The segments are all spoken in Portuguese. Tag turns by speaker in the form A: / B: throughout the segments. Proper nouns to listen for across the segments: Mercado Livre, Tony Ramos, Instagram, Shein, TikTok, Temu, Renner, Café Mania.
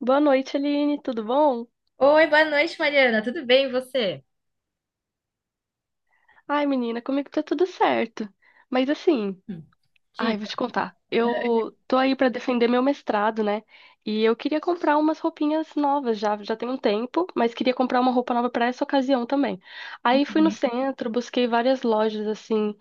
A: Boa noite, Aline, tudo bom?
B: Oi, boa noite, Mariana. Tudo bem, e você?
A: Ai, menina, comigo tá tudo certo. Mas assim,
B: Hum.
A: ai, vou te
B: Dica.
A: contar. Eu tô aí pra defender meu mestrado, né? E eu queria comprar umas roupinhas novas já tem um tempo, mas queria comprar uma roupa nova pra essa ocasião também. Aí fui no centro, busquei várias lojas assim,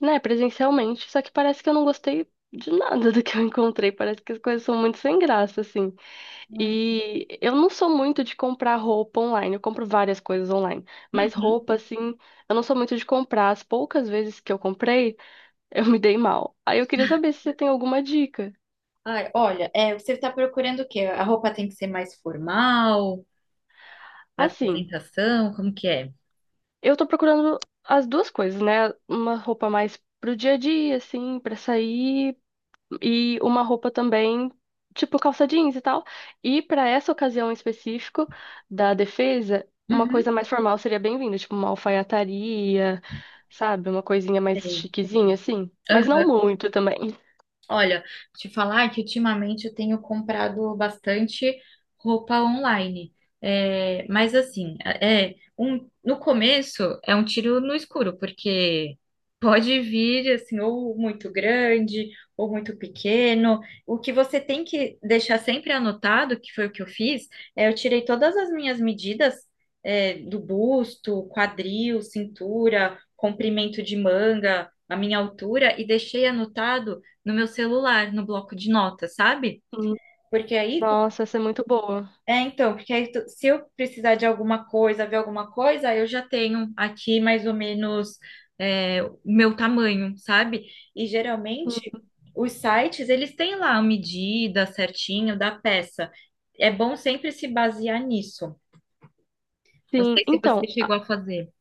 A: né, presencialmente, só que parece que eu não gostei de nada do que eu encontrei, parece que as coisas são muito sem graça assim. E eu não sou muito de comprar roupa online, eu compro várias coisas online, mas
B: Uhum.
A: roupa, assim, eu não sou muito de comprar. As poucas vezes que eu comprei, eu me dei mal. Aí eu queria saber se você tem alguma dica.
B: Ai, olha, você está procurando o quê? A roupa tem que ser mais formal, para
A: Assim,
B: apresentação, como que é?
A: eu tô procurando as duas coisas, né? Uma roupa mais pro dia a dia, assim, pra sair, e uma roupa também, tipo calça jeans e tal. E para essa ocasião em específico da defesa, uma
B: Uhum.
A: coisa mais formal seria bem-vinda, tipo uma alfaiataria, sabe? Uma coisinha mais chiquezinha, assim. Mas não
B: Sei.
A: muito também.
B: Olha, te falar que ultimamente eu tenho comprado bastante roupa online. Mas assim, no começo é um tiro no escuro, porque pode vir assim, ou muito grande, ou muito pequeno. O que você tem que deixar sempre anotado, que foi o que eu fiz, eu tirei todas as minhas medidas, do busto, quadril, cintura, comprimento de manga, a minha altura, e deixei anotado no meu celular, no bloco de notas, sabe?
A: Hum.
B: Porque aí,
A: Nossa, essa é muito boa.
B: porque aí, se eu precisar de alguma coisa, ver alguma coisa, eu já tenho aqui mais ou menos o meu tamanho, sabe? E geralmente
A: Hum.
B: os sites, eles têm lá a medida certinho da peça. É bom sempre se basear nisso. Não
A: Sim,
B: sei se você
A: então,
B: chegou a fazer.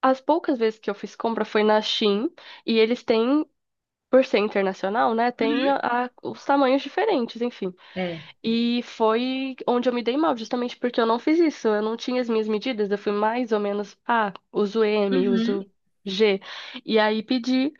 A: as poucas vezes que eu fiz compra foi na Shein, e eles têm, por ser internacional, né? Tem
B: Uhum.
A: os tamanhos diferentes, enfim.
B: É.
A: E foi onde eu me dei mal, justamente porque eu não fiz isso. Eu não tinha as minhas medidas, eu fui mais ou menos, ah, uso M,
B: Uhum.
A: uso G. E aí pedi,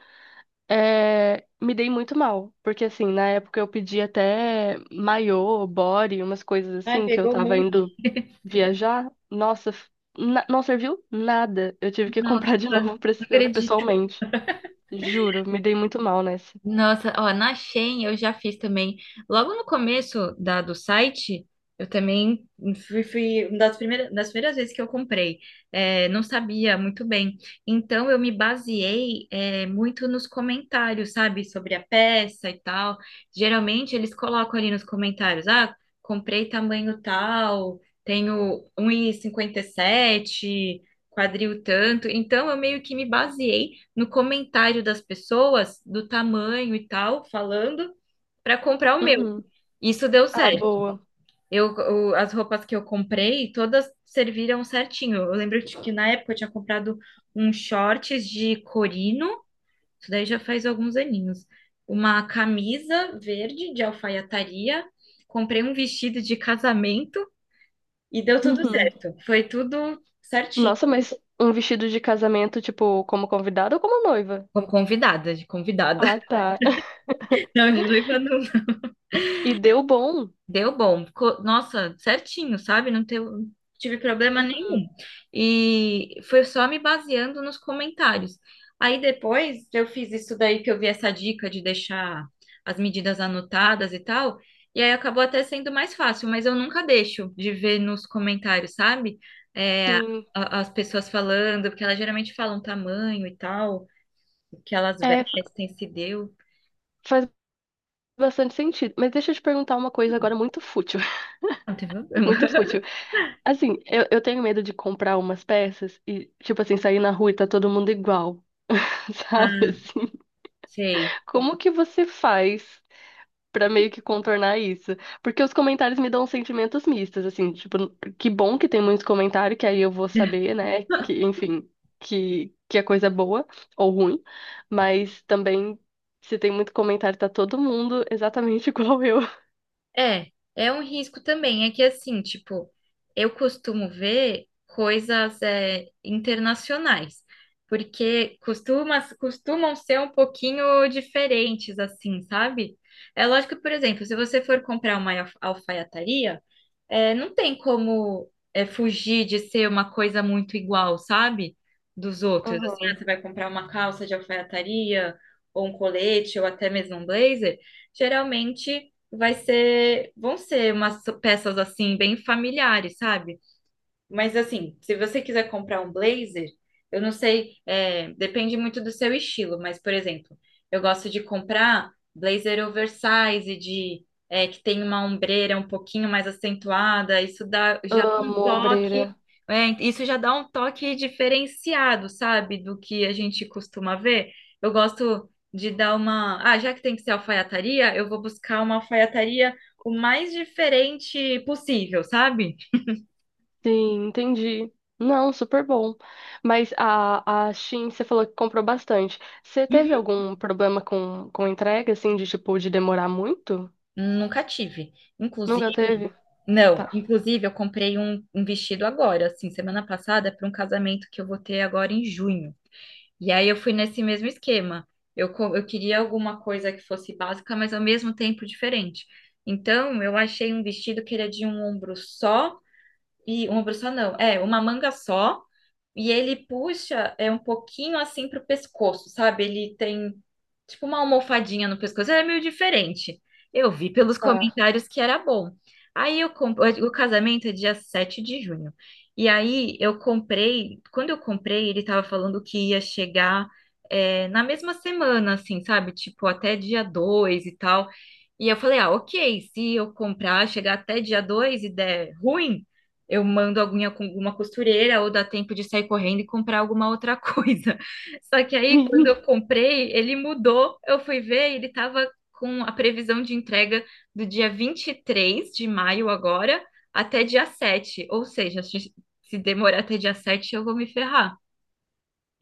A: me dei muito mal, porque assim, na época eu pedi até maiô, body, umas coisas
B: Ai,
A: assim, que eu
B: pegou um
A: tava
B: monte.
A: indo viajar. Nossa, não serviu nada. Eu tive que
B: Nossa,
A: comprar de novo
B: não acredito.
A: pessoalmente. Juro, me dei muito mal nessa.
B: Nossa, ó, na Shein eu já fiz também. Logo no começo do site, eu também fui uma das primeiras vezes que eu comprei. É, não sabia muito bem. Então eu me baseei, muito nos comentários, sabe? Sobre a peça e tal. Geralmente eles colocam ali nos comentários, ah, comprei tamanho tal, tenho um e cinquenta e sete, quadril tanto. Então eu meio que me baseei no comentário das pessoas, do tamanho e tal, falando, para comprar o meu.
A: Uhum.
B: Isso deu
A: Ah,
B: certo.
A: boa.
B: As roupas que eu comprei, todas serviram certinho. Eu lembro de que na época eu tinha comprado uns shorts de corino, isso daí já faz alguns aninhos. Uma camisa verde de alfaiataria, comprei um vestido de casamento e deu tudo
A: Uhum.
B: certo. Foi tudo certinho.
A: Nossa, mas um vestido de casamento, tipo, como convidada ou como noiva?
B: Como convidada, de convidada.
A: Ah, tá.
B: Não, de noiva não.
A: E deu bom.
B: Deu bom. Ficou- Nossa, certinho, sabe? Não teve, não tive problema
A: Uhum.
B: nenhum. E foi só me baseando nos comentários. Aí depois eu fiz isso daí que eu vi essa dica de deixar as medidas anotadas e tal. E aí acabou até sendo mais fácil, mas eu nunca deixo de ver nos comentários, sabe? É,
A: Sim.
B: a- As pessoas falando, porque elas geralmente falam tamanho e tal, o que elas
A: É, f-
B: vestem, se deu.
A: faz bastante sentido. Mas deixa eu te perguntar uma coisa agora muito fútil.
B: Não tem problema.
A: Muito fútil. Assim, eu tenho medo de comprar umas peças e, tipo assim, sair na rua e tá todo mundo igual, sabe?
B: Ah,
A: Assim,
B: sei.
A: como que você faz? Pra meio que contornar isso. Porque os comentários me dão sentimentos mistos, assim, tipo, que bom que tem muitos comentários, que aí eu vou saber, né, enfim, que a coisa é boa ou ruim, mas também, se tem muito comentário, tá todo mundo exatamente igual eu.
B: É, é um risco também. É que assim, tipo, eu costumo ver coisas internacionais, porque costumam ser um pouquinho diferentes, assim, sabe? É lógico que, por exemplo, se você for comprar uma alfaiataria, não tem como fugir de ser uma coisa muito igual, sabe? Dos outros. Assim, ah,
A: Uhum.
B: você vai comprar uma calça de alfaiataria, ou um colete, ou até mesmo um blazer, geralmente vai ser, vão ser umas peças assim, bem familiares, sabe? Mas assim, se você quiser comprar um blazer, eu não sei, é, depende muito do seu estilo, mas, por exemplo, eu gosto de comprar blazer oversize, que tem uma ombreira um pouquinho mais acentuada, isso dá já um
A: Amo
B: toque,
A: ombreira.
B: isso já dá um toque diferenciado, sabe, do que a gente costuma ver. Eu gosto de dar uma. Ah, já que tem que ser alfaiataria, eu vou buscar uma alfaiataria o mais diferente possível, sabe?
A: Sim, entendi. Não, super bom. Mas a Shein, você falou que comprou bastante. Você teve algum problema com entrega, assim, de tipo, de demorar muito?
B: Nunca tive. Inclusive,
A: Nunca teve?
B: não,
A: Tá.
B: inclusive eu comprei um vestido agora, assim, semana passada, para um casamento que eu vou ter agora em junho. E aí eu fui nesse mesmo esquema. Eu queria alguma coisa que fosse básica, mas ao mesmo tempo diferente. Então, eu achei um vestido que era de um ombro só. E uma pessoa não, é uma manga só, e ele puxa um pouquinho assim pro pescoço, sabe? Ele tem tipo uma almofadinha no pescoço, é meio diferente. Eu vi pelos
A: Tá.
B: comentários que era bom. Aí eu comprei, o casamento é dia 7 de junho. E aí eu comprei, quando eu comprei, ele tava falando que ia chegar na mesma semana, assim, sabe? Tipo, até dia 2 e tal. E eu falei, ah, ok, se eu comprar, chegar até dia 2 e der ruim, eu mando alguma, alguma costureira ou dá tempo de sair correndo e comprar alguma outra coisa. Só que aí, quando eu comprei, ele mudou. Eu fui ver, e ele estava com a previsão de entrega do dia 23 de maio agora até dia 7. Ou seja, se demorar até dia 7 eu vou me ferrar.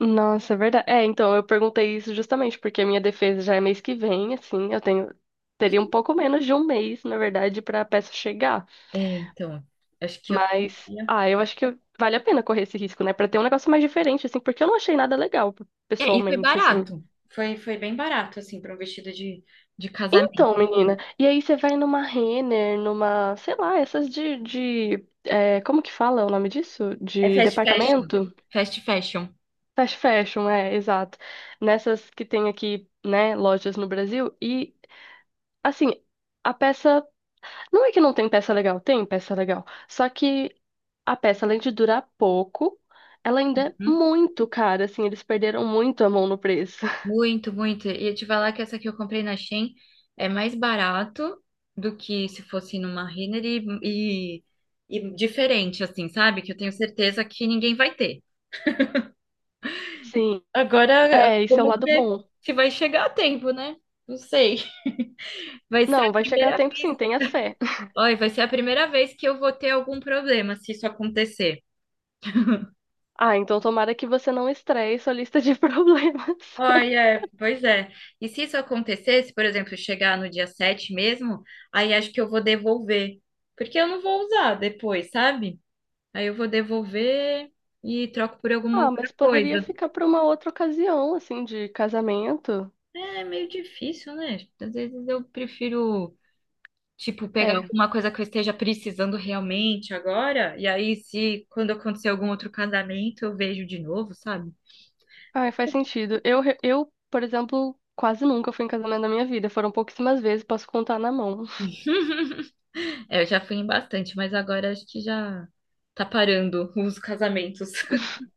A: Nossa, é verdade. É, então, eu perguntei isso justamente porque a minha defesa já é mês que vem, assim, eu tenho teria um pouco menos de um mês, na verdade, pra peça chegar.
B: É, então, acho que eu
A: Mas,
B: queria.
A: ah, eu acho que vale a pena correr esse risco, né? Pra ter um negócio mais diferente, assim, porque eu não achei nada legal,
B: É, e foi
A: pessoalmente, assim.
B: barato. Foi, foi bem barato, assim, para um vestido de casamento.
A: Então, menina, e aí você vai numa Renner, numa, sei lá, essas é, como que fala o nome disso?
B: É
A: De
B: fast fashion.
A: departamento?
B: Fast fashion.
A: Fast fashion, é, exato. Nessas que tem aqui, né, lojas no Brasil. E, assim, a peça. Não é que não tem peça legal, tem peça legal. Só que a peça, além de durar pouco, ela ainda é
B: Uhum.
A: muito cara, assim, eles perderam muito a mão no preço.
B: Muito, muito. E eu te falar que essa que eu comprei na Shein é mais barato do que se fosse numa Renner e, e diferente, assim, sabe? Que eu tenho certeza que ninguém vai ter.
A: Sim,
B: Agora,
A: é, esse é o
B: vamos
A: lado
B: ver
A: bom.
B: se vai chegar a tempo, né? Não sei. Vai ser
A: Não,
B: a
A: vai chegar a
B: primeira
A: tempo
B: vez.
A: sim, tenha fé.
B: Olha, vai ser a primeira vez que eu vou ter algum problema se isso acontecer.
A: Ah, então tomara que você não estreie sua lista de problemas.
B: Ai, é, pois é. E se isso acontecesse, por exemplo, chegar no dia 7 mesmo, aí acho que eu vou devolver, porque eu não vou usar depois, sabe? Aí eu vou devolver e troco por alguma
A: Ah,
B: outra
A: mas poderia
B: coisa.
A: ficar para uma outra ocasião, assim, de casamento.
B: É meio difícil, né? Às vezes eu prefiro, tipo, pegar
A: É.
B: alguma coisa que eu esteja precisando realmente agora, e aí se quando acontecer algum outro casamento, eu vejo de novo, sabe?
A: Ai, faz sentido. Eu, por exemplo, quase nunca fui em casamento na minha vida. Foram pouquíssimas vezes, posso contar na mão.
B: É, eu já fui em bastante, mas agora acho que já tá parando os casamentos.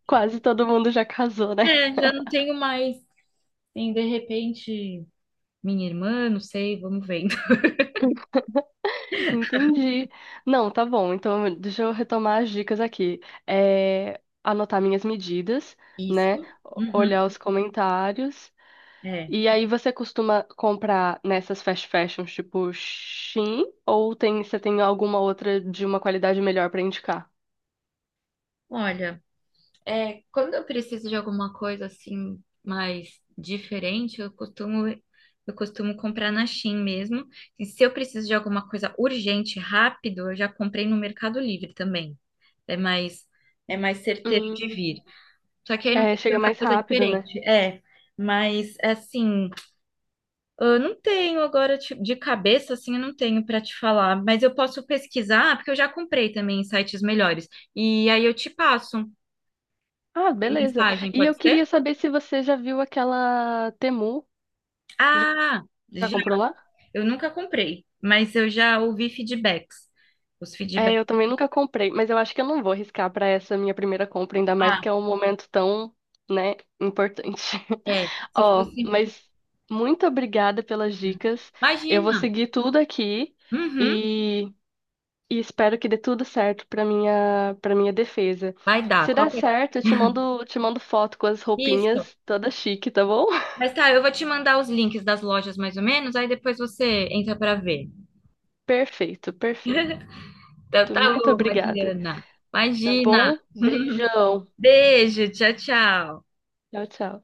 A: Quase todo mundo já casou, né?
B: É, já não tenho mais. Tem, de repente, minha irmã, não sei, vamos vendo.
A: Entendi. Não, tá bom. Então, deixa eu retomar as dicas aqui. É, anotar minhas medidas, né?
B: Isso. Uhum,
A: Olhar os comentários.
B: é.
A: E aí, você costuma comprar nessas fast fashions, tipo Shein? Ou tem, você tem alguma outra de uma qualidade melhor pra indicar?
B: Olha, é, quando eu preciso de alguma coisa assim mais diferente, eu costumo comprar na Shein mesmo. E se eu preciso de alguma coisa urgente, rápido, eu já comprei no Mercado Livre também. É mais É mais certeiro de
A: Hum,
B: vir. Só que aí não
A: é,
B: tem
A: chega
B: tanta
A: mais
B: coisa
A: rápido, né?
B: diferente. É, mas assim, eu não tenho agora de cabeça, assim, eu não tenho para te falar, mas eu posso pesquisar, porque eu já comprei também em sites melhores. E aí eu te passo
A: Ah,
B: por
A: beleza.
B: mensagem,
A: E eu
B: pode ser?
A: queria saber se você já viu aquela Temu. Já
B: Ah,
A: Já
B: já,
A: comprou lá?
B: eu nunca comprei, mas eu já ouvi feedbacks. Os
A: É, eu
B: feedbacks.
A: também nunca comprei, mas eu acho que eu não vou arriscar para essa minha primeira compra, ainda mais que
B: Ah,
A: é um momento tão, né, importante.
B: é. Se
A: Ó,
B: fosse.
A: mas muito obrigada pelas dicas. Eu vou
B: Imagina.
A: seguir tudo aqui
B: Uhum,
A: e, e espero que dê tudo certo para minha defesa.
B: vai dar.
A: Se dar
B: Qualquer...
A: certo, eu te mando foto com as
B: Isso.
A: roupinhas toda chique, tá bom?
B: Mas tá, eu vou te mandar os links das lojas mais ou menos, aí depois você entra para ver.
A: Perfeito, perfeito.
B: Então tá
A: Muito
B: bom,
A: obrigada.
B: Adriana.
A: Tá
B: Imagina.
A: bom? Beijão.
B: Beijo, tchau, tchau.
A: Tchau, tchau.